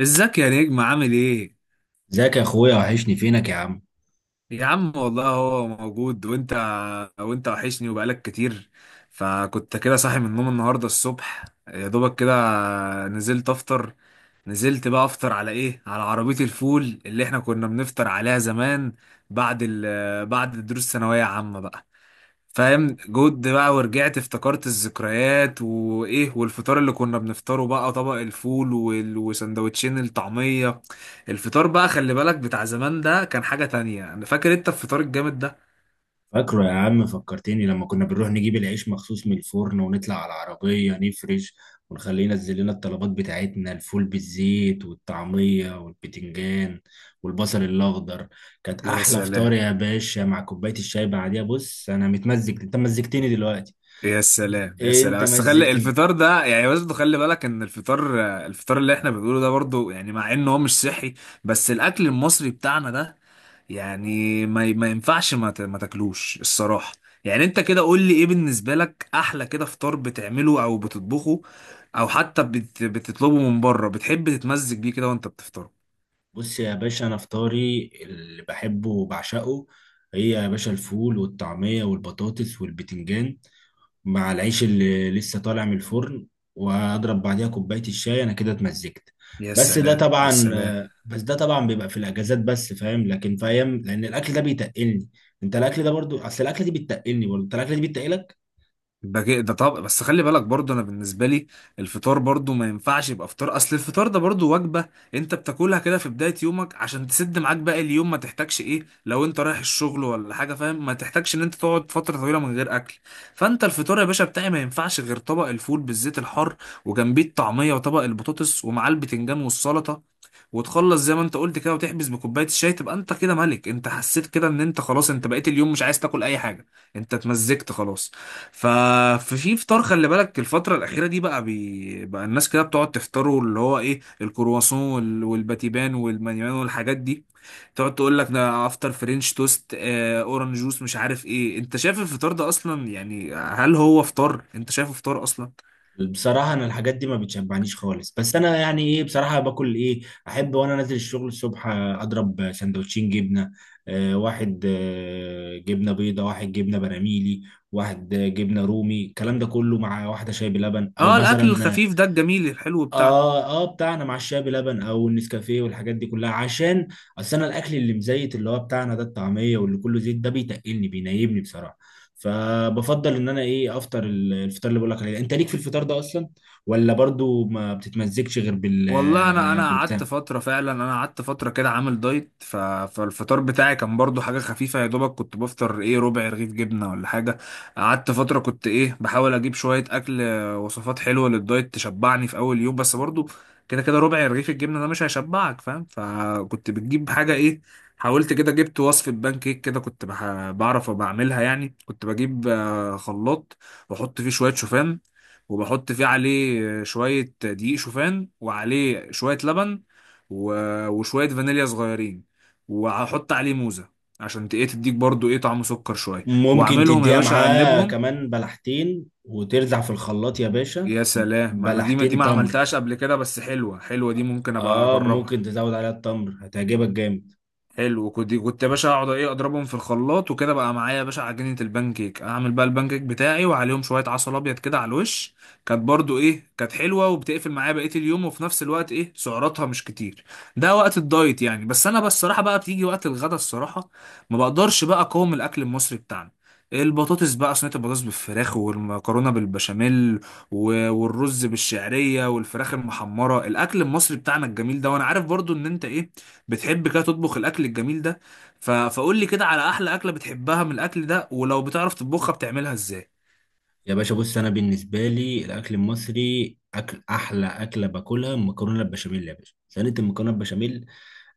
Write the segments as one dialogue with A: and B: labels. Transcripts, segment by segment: A: ازيك يا نجم؟ عامل ايه؟
B: ازيك يا اخويا، وحشني فينك يا عم.
A: يا عم والله هو موجود. وانت وانت وحشني وبقالك كتير. فكنت كده صاحي من النوم النهارده الصبح يا دوبك كده، نزلت افطر. نزلت بقى افطر على ايه؟ على عربية الفول اللي احنا كنا بنفطر عليها زمان بعد بعد دروس ثانوية عامة بقى، فاهم؟ جود بقى، ورجعت افتكرت الذكريات وايه، والفطار اللي كنا بنفطره بقى طبق الفول وسندوتشين الطعمية. الفطار بقى خلي بالك بتاع زمان ده كان حاجة تانية. انا فاكر انت الفطار الجامد ده.
B: فاكره يا عم، فكرتني لما كنا بنروح نجيب العيش مخصوص من الفرن ونطلع على العربية نفرش ونخليه ينزل لنا الطلبات بتاعتنا، الفول بالزيت والطعمية والبتنجان والبصل الأخضر. كانت
A: يا
B: أحلى فطار
A: سلام.
B: يا باشا مع كوباية الشاي بعديها. بص أنا متمزج، أنت مزجتني دلوقتي.
A: يا سلام يا
B: إيه
A: سلام،
B: أنت
A: بس خلي
B: مزجتني.
A: الفطار ده يعني برضه خلي بالك ان الفطار اللي احنا بنقوله ده برضه، يعني مع انه هو مش صحي، بس الاكل المصري بتاعنا ده، يعني ما ينفعش ما تاكلوش الصراحة. يعني انت كده قول لي ايه بالنسبة لك احلى كده فطار بتعمله او بتطبخه، او حتى بتطلبه من بره، بتحب تتمزج بيه كده وانت بتفطره؟
B: بص يا باشا، أنا فطاري اللي بحبه وبعشقه هي يا باشا الفول والطعمية والبطاطس والبتنجان مع العيش اللي لسه طالع من الفرن، وهضرب بعديها كوباية الشاي. انا كده اتمزجت.
A: يا
B: بس ده
A: سلام يا
B: طبعا
A: سلام.
B: بس ده طبعا بيبقى في الاجازات بس، فاهم، لكن في ايام لان الاكل ده بيتقلني. انت الاكل ده برضو، اصل الاكل دي بتتقلني برضو، انت الاكل دي بتتقلك.
A: ده طب بس خلي بالك برضو، انا بالنسبه لي الفطار برضو ما ينفعش يبقى فطار، اصل الفطار ده برضو وجبه انت بتاكلها كده في بدايه يومك عشان تسد معاك باقي اليوم، ما تحتاجش ايه لو انت رايح الشغل ولا حاجه، فاهم؟ ما تحتاجش ان انت تقعد فتره طويله من غير اكل. فانت الفطار يا باشا بتاعي ما ينفعش غير طبق الفول بالزيت الحار وجنبيه الطعميه وطبق البطاطس ومعاه البتنجان والسلطه، وتخلص زي ما انت قلت كده وتحبس بكوبايه الشاي، تبقى انت كده ملك. انت حسيت كده ان انت خلاص انت بقيت اليوم مش عايز تاكل اي حاجه، انت اتمزجت خلاص. ف- ففي فطار خلي بالك الفترة الأخيرة دي بقى بقى الناس كده بتقعد تفطروا اللي هو إيه، الكرواسون والباتيبان والمانيمان والحاجات دي. تقعد تقول لك ده أفطر فرنش توست، أورنج جوس، مش عارف إيه. أنت شايف الفطار ده أصلا يعني هل هو فطار؟ أنت شايفه فطار أصلا؟
B: بصراحة أنا الحاجات دي ما بتشبعنيش خالص، بس أنا يعني إيه بصراحة باكل إيه. أحب وأنا نازل الشغل الصبح أضرب سندوتشين جبنة. واحد جبنة بيضة، واحد جبنة براميلي، واحد جبنة رومي، الكلام ده كله مع واحدة شاي بلبن أو
A: أه، الأكل
B: مثلا.
A: الخفيف ده الجميل الحلو بتاعنا.
B: اه اه بتاعنا مع الشاي بلبن او النسكافيه والحاجات دي كلها، عشان اصل انا الاكل اللي مزيت اللي هو بتاعنا ده الطعميه واللي كله زيت ده بيتقلني بينيبني بصراحه. فبفضل ان انا ايه افطر الفطار اللي بقول لك عليه ده. انت ليك في الفطار ده اصلا ولا برضو ما بتتمزجش غير بال
A: والله انا قعدت
B: بالبتاع
A: فتره فعلا، انا قعدت فتره كده عامل دايت، فالفطار بتاعي كان برضو حاجه خفيفه، يا دوبك كنت بفطر ايه، ربع رغيف جبنه ولا حاجه. قعدت فتره كنت ايه بحاول اجيب شويه اكل، وصفات حلوه للدايت تشبعني في اول يوم، بس برضو كده كده ربع رغيف الجبنه ده مش هيشبعك، فاهم؟ فكنت بتجيب حاجه ايه، حاولت كده جبت وصفه بان كيك كده، كنت بعرف بعملها يعني. كنت بجيب خلاط واحط فيه شويه شوفان، وبحط فيه عليه شوية دقيق شوفان وعليه شوية لبن، و... وشوية فانيليا صغيرين، وهحط عليه موزة عشان ايه تديك برضو ايه طعم سكر شوية.
B: ممكن
A: واعملهم يا
B: تديها
A: باشا
B: معاه
A: اقلبهم.
B: كمان بلحتين وترزع في الخلاط يا باشا.
A: يا سلام، ما انا دي
B: بلحتين
A: ما
B: تمر،
A: عملتهاش قبل كده، بس حلوة، دي ممكن ابقى
B: اه
A: اجربها.
B: ممكن تزود عليها التمر هتعجبك جامد.
A: حلو. كنت يا باشا اقعد ايه اضربهم في الخلاط وكده بقى معايا يا باشا عجينه البان كيك، اعمل بقى البان كيك بتاعي وعليهم شويه عسل ابيض كده على الوش. كانت برضو ايه، كانت حلوه وبتقفل معايا بقيه اليوم، وفي نفس الوقت ايه سعراتها مش كتير. ده وقت الدايت يعني، بس انا بس الصراحه بقى بتيجي وقت الغدا الصراحه ما بقدرش بقى اقاوم الاكل المصري بتاعنا. البطاطس بقى، صينيه البطاطس بالفراخ والمكرونه بالبشاميل والرز بالشعريه والفراخ المحمره، الاكل المصري بتاعنا الجميل ده. وانا عارف برضو ان انت ايه بتحب كده تطبخ الاكل الجميل ده، فقول لي كده على احلى اكله بتحبها من الاكل ده، ولو بتعرف تطبخها بتعملها ازاي؟
B: يا باشا بص، انا بالنسبه لي الاكل المصري اكل، احلى اكله باكلها المكرونه البشاميل. يا باشا صينيه المكرونه البشاميل،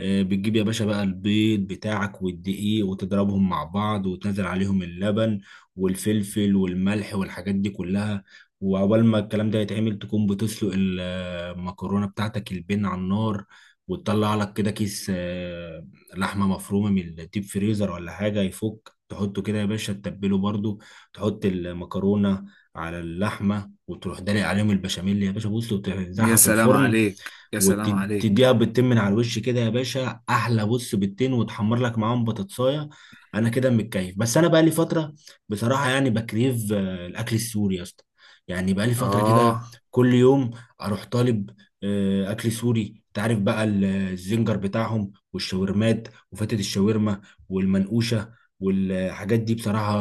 B: بتجيب يا باشا بقى البيض بتاعك والدقيق وتضربهم مع بعض وتنزل عليهم اللبن والفلفل والملح والحاجات دي كلها، وعقبال ما الكلام ده يتعمل تكون بتسلق المكرونة بتاعتك البن على النار، وتطلع لك كده كيس لحمة مفرومة من الديب فريزر ولا حاجة يفك تحطه كده يا باشا تتبله برضو، تحط المكرونة على اللحمة وتروح دلق عليهم البشاميل يا باشا بص
A: يا
B: وتنزعها في
A: سلام
B: الفرن،
A: عليك، يا سلام عليك.
B: وتديها بالتين من على الوش كده يا باشا، احلى بص بالتين، وتحمر لك معاهم بطاطسايه. انا كده متكيف. بس انا بقى لي فتره بصراحه، يعني بكريف الاكل السوري يا اسطى. يعني بقى لي فتره كده
A: اه.
B: كل يوم اروح طالب اكل سوري. تعرف بقى الزنجر بتاعهم والشاورمات وفتة الشاورما والمنقوشه والحاجات دي، بصراحه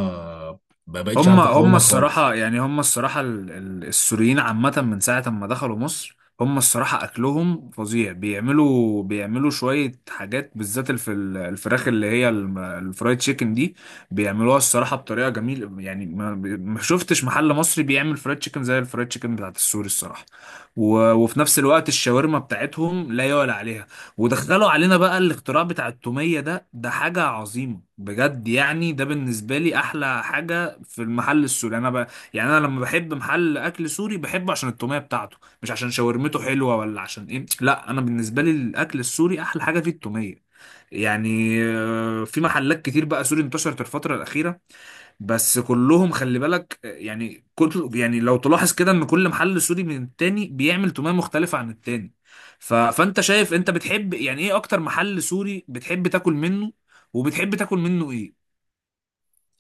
B: ما بقتش
A: هم
B: عارف
A: هم
B: اقاومها خالص.
A: الصراحة، يعني هم الصراحة السوريين عامة من ساعة ما دخلوا مصر هم الصراحة أكلهم فظيع. بيعملوا شوية حاجات بالذات الفراخ اللي هي الفرايد تشيكن دي، بيعملوها الصراحة بطريقة جميلة. يعني ما شفتش محل مصري بيعمل فرايد تشيكن زي الفرايد تشيكن بتاعت السوري الصراحة. وفي نفس الوقت الشاورما بتاعتهم لا يعلى عليها. ودخلوا علينا بقى الاختراع بتاع التومية ده، ده حاجة عظيمة بجد. يعني ده بالنسبة لي أحلى حاجة في المحل السوري. يعني انا يعني انا لما بحب محل اكل سوري بحبه عشان التوميه بتاعته، مش عشان شاورمته حلوه ولا عشان ايه، لا انا بالنسبه لي الاكل السوري احلى حاجه فيه التوميه. يعني في محلات كتير بقى سوري انتشرت الفتره الاخيره، بس كلهم خلي بالك يعني كل يعني لو تلاحظ كده ان كل محل سوري من التاني بيعمل توميه مختلفه عن التاني. فانت شايف انت بتحب يعني ايه اكتر محل سوري بتحب تاكل منه، وبتحب تاكل منه ايه؟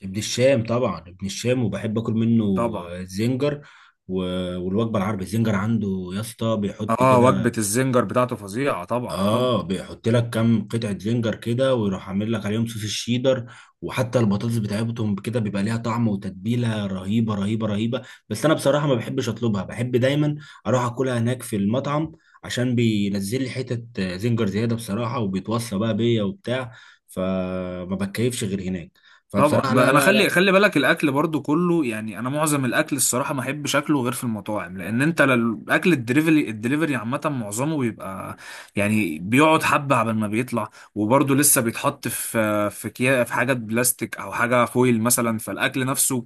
B: ابن الشام طبعا، ابن الشام وبحب اكل منه،
A: طبعا.
B: زنجر و- والوجبه العربي الزنجر عنده يا اسطى بيحط
A: اه،
B: كده.
A: وجبة الزنجر بتاعته فظيعة، طبعا طبعا.
B: اه، بيحط لك كام قطعه زنجر كده ويروح عامل لك عليهم صوص الشيدر، وحتى البطاطس بتاعتهم كده بيبقى ليها طعم وتتبيله رهيبه رهيبه رهيبه. بس انا بصراحه ما بحبش اطلبها، بحب دايما اروح اكلها هناك في المطعم، عشان بينزل لي حتت زنجر زياده بصراحه وبيتوصى بقى بيا وبتاع، فما بتكيفش غير هناك.
A: طبعا
B: فبصراحه
A: بقى
B: لا
A: انا
B: لا
A: خلي
B: لا.
A: خلي بالك الاكل برضو كله، يعني انا معظم الاكل الصراحه ما احبش اكله غير في المطاعم، لان انت الاكل الدليفري، الدليفري عامه معظمه بيبقى يعني بيقعد حبه على ما بيطلع، وبرضو لسه بيتحط في كيا في حاجه بلاستيك او حاجه فويل مثلا، فالاكل نفسه،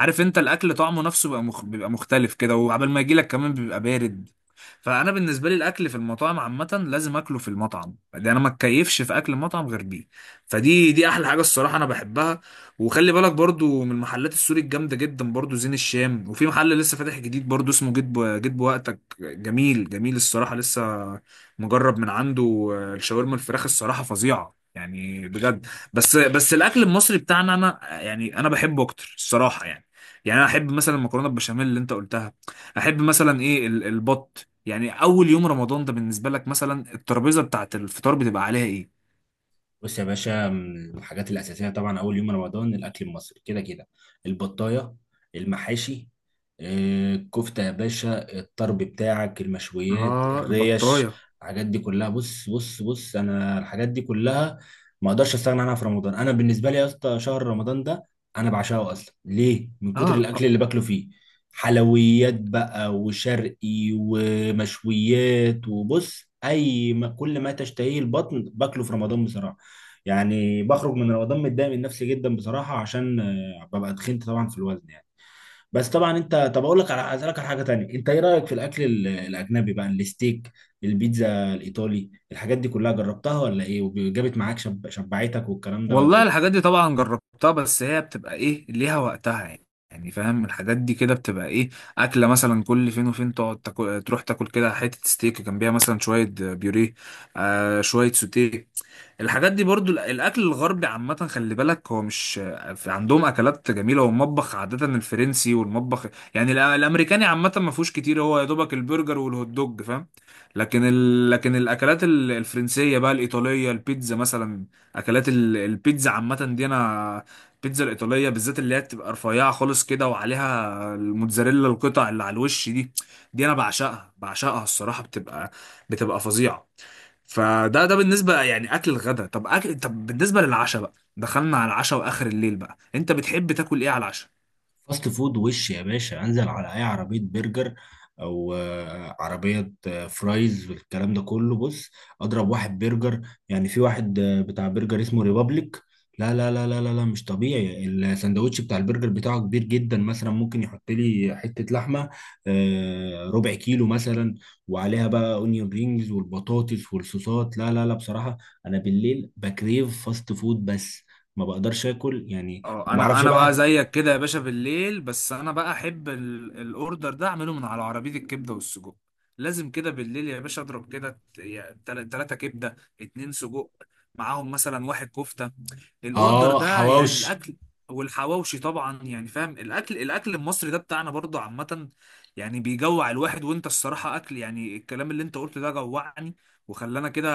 A: عارف انت الاكل طعمه نفسه بيبقى مخ بيبقى مختلف كده، وعبال ما يجي لك كمان بيبقى بارد. فانا بالنسبه لي الاكل في المطاعم عامه لازم اكله في المطعم ده، انا ما اتكيفش في اكل المطعم غير بيه. فدي احلى حاجه الصراحه انا بحبها. وخلي بالك برضو من المحلات السوري الجامدة جدا برضو زين الشام، وفي محل لسه فاتح جديد برضو اسمه جيت بوقتك، جميل جميل الصراحة، لسه مجرب من عنده. آه، الشاورما الفراخ الصراحة فظيعة، يعني بجد. بس الأكل المصري بتاعنا أنا يعني أنا بحبه أكتر الصراحة يعني. يعني أنا أحب مثلا المكرونة البشاميل اللي أنت قلتها، أحب مثلا إيه البط. يعني أول يوم رمضان ده بالنسبة لك مثلا الترابيزة بتاعت الفطار بتبقى عليها إيه؟
B: بص يا باشا، من الحاجات الأساسية طبعا أول يوم رمضان، الأكل المصري كده كده، البطاية، المحاشي، الكفتة يا باشا، الطرب بتاعك، المشويات،
A: اه،
B: الريش،
A: البطايه.
B: الحاجات دي كلها. بص بص بص، أنا الحاجات دي كلها ما أقدرش أستغنى عنها في رمضان. أنا بالنسبة لي يا اسطى شهر رمضان ده أنا بعشقه أصلا. ليه؟ من كتر
A: اه.
B: الأكل اللي باكله فيه. حلويات بقى وشرقي ومشويات، وبص أي ما كل ما تشتهيه البطن باكله في رمضان بصراحة. يعني بخرج من رمضان متضايق من نفسي جدا بصراحه، عشان ببقى تخنت طبعا في الوزن يعني. بس طبعا انت، طب اقول لك على، اسالك على حاجه تانية، انت ايه رايك في الاكل الاجنبي بقى؟ الستيك، البيتزا الايطالي، الحاجات دي كلها جربتها ولا ايه وجابت معاك شبعتك والكلام ده ولا
A: والله
B: ايه؟
A: الحاجات دي طبعا جربتها، بس هي بتبقى ايه ليها وقتها يعني. يعني فاهم الحاجات دي كده بتبقى ايه، اكله مثلا كل فين وفين تقعد تاكل، تروح تاكل كده حته ستيك جنبيها مثلا شويه بيوريه، آه شويه سوتيه. الحاجات دي برضو الاكل الغربي عامه خلي بالك هو مش عندهم اكلات جميله، والمطبخ عاده الفرنسي، والمطبخ يعني الامريكاني عامه ما فيهوش كتير، هو يا دوبك البرجر والهوت دوج، فاهم؟ لكن لكن الاكلات الفرنسيه بقى الايطاليه البيتزا مثلا، اكلات البيتزا عامه دي انا، البيتزا الايطاليه بالذات اللي هي بتبقى رفيعه خالص كده وعليها الموتزاريلا القطع اللي على الوش دي، دي انا بعشقها، بعشقها الصراحه، بتبقى فظيعه. فده بالنسبه يعني اكل الغدا. طب أكل، طب بالنسبه للعشاء بقى، دخلنا على العشاء واخر الليل بقى، انت بتحب تاكل ايه على العشاء؟
B: فاست فود وش يا باشا، انزل على اي عربيه برجر او عربيه فرايز والكلام ده كله، بص اضرب واحد برجر. يعني في واحد بتاع برجر اسمه ريبابليك، لا لا لا لا لا لا مش طبيعي، الساندوتش بتاع البرجر بتاعه كبير جدا، مثلا ممكن يحط لي حته لحمه ربع كيلو مثلا، وعليها بقى اونيون رينجز والبطاطس والصوصات. لا لا لا بصراحه، انا بالليل بكريف فاست فود بس، ما بقدرش اكل، يعني ما
A: اه، انا
B: بعرفش
A: انا بقى
B: بقى.
A: زيك كده يا باشا بالليل، بس انا بقى احب الاوردر ده اعمله من على عربيه الكبده والسجق. لازم كده بالليل يا باشا اضرب كده 3 كبده، 2 سجق، معاهم مثلا 1 كفته، الاوردر
B: اه
A: ده يعني
B: حواوشي.
A: الاكل. والحواوشي طبعا، يعني فاهم، الاكل المصري ده بتاعنا برضه عامه يعني بيجوع الواحد. وانت الصراحه اكل، يعني الكلام اللي انت قلته ده جوعني، وخلانا كده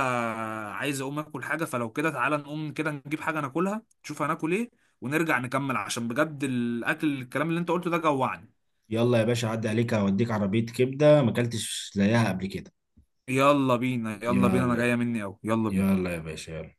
A: عايز اقوم اكل حاجه. فلو كده تعالى نقوم كده نجيب حاجه ناكلها، نشوف هناكل ايه، ونرجع نكمل، عشان بجد الاكل الكلام اللي انت قلته ده جوعني.
B: يلا يا باشا، عدي عليك اوديك عربية كبدة ما اكلتش زيها قبل كده.
A: يلا بينا يلا بينا، انا
B: يلا.
A: جايه مني اوي، يلا بينا.
B: يلا يا باشا يلا.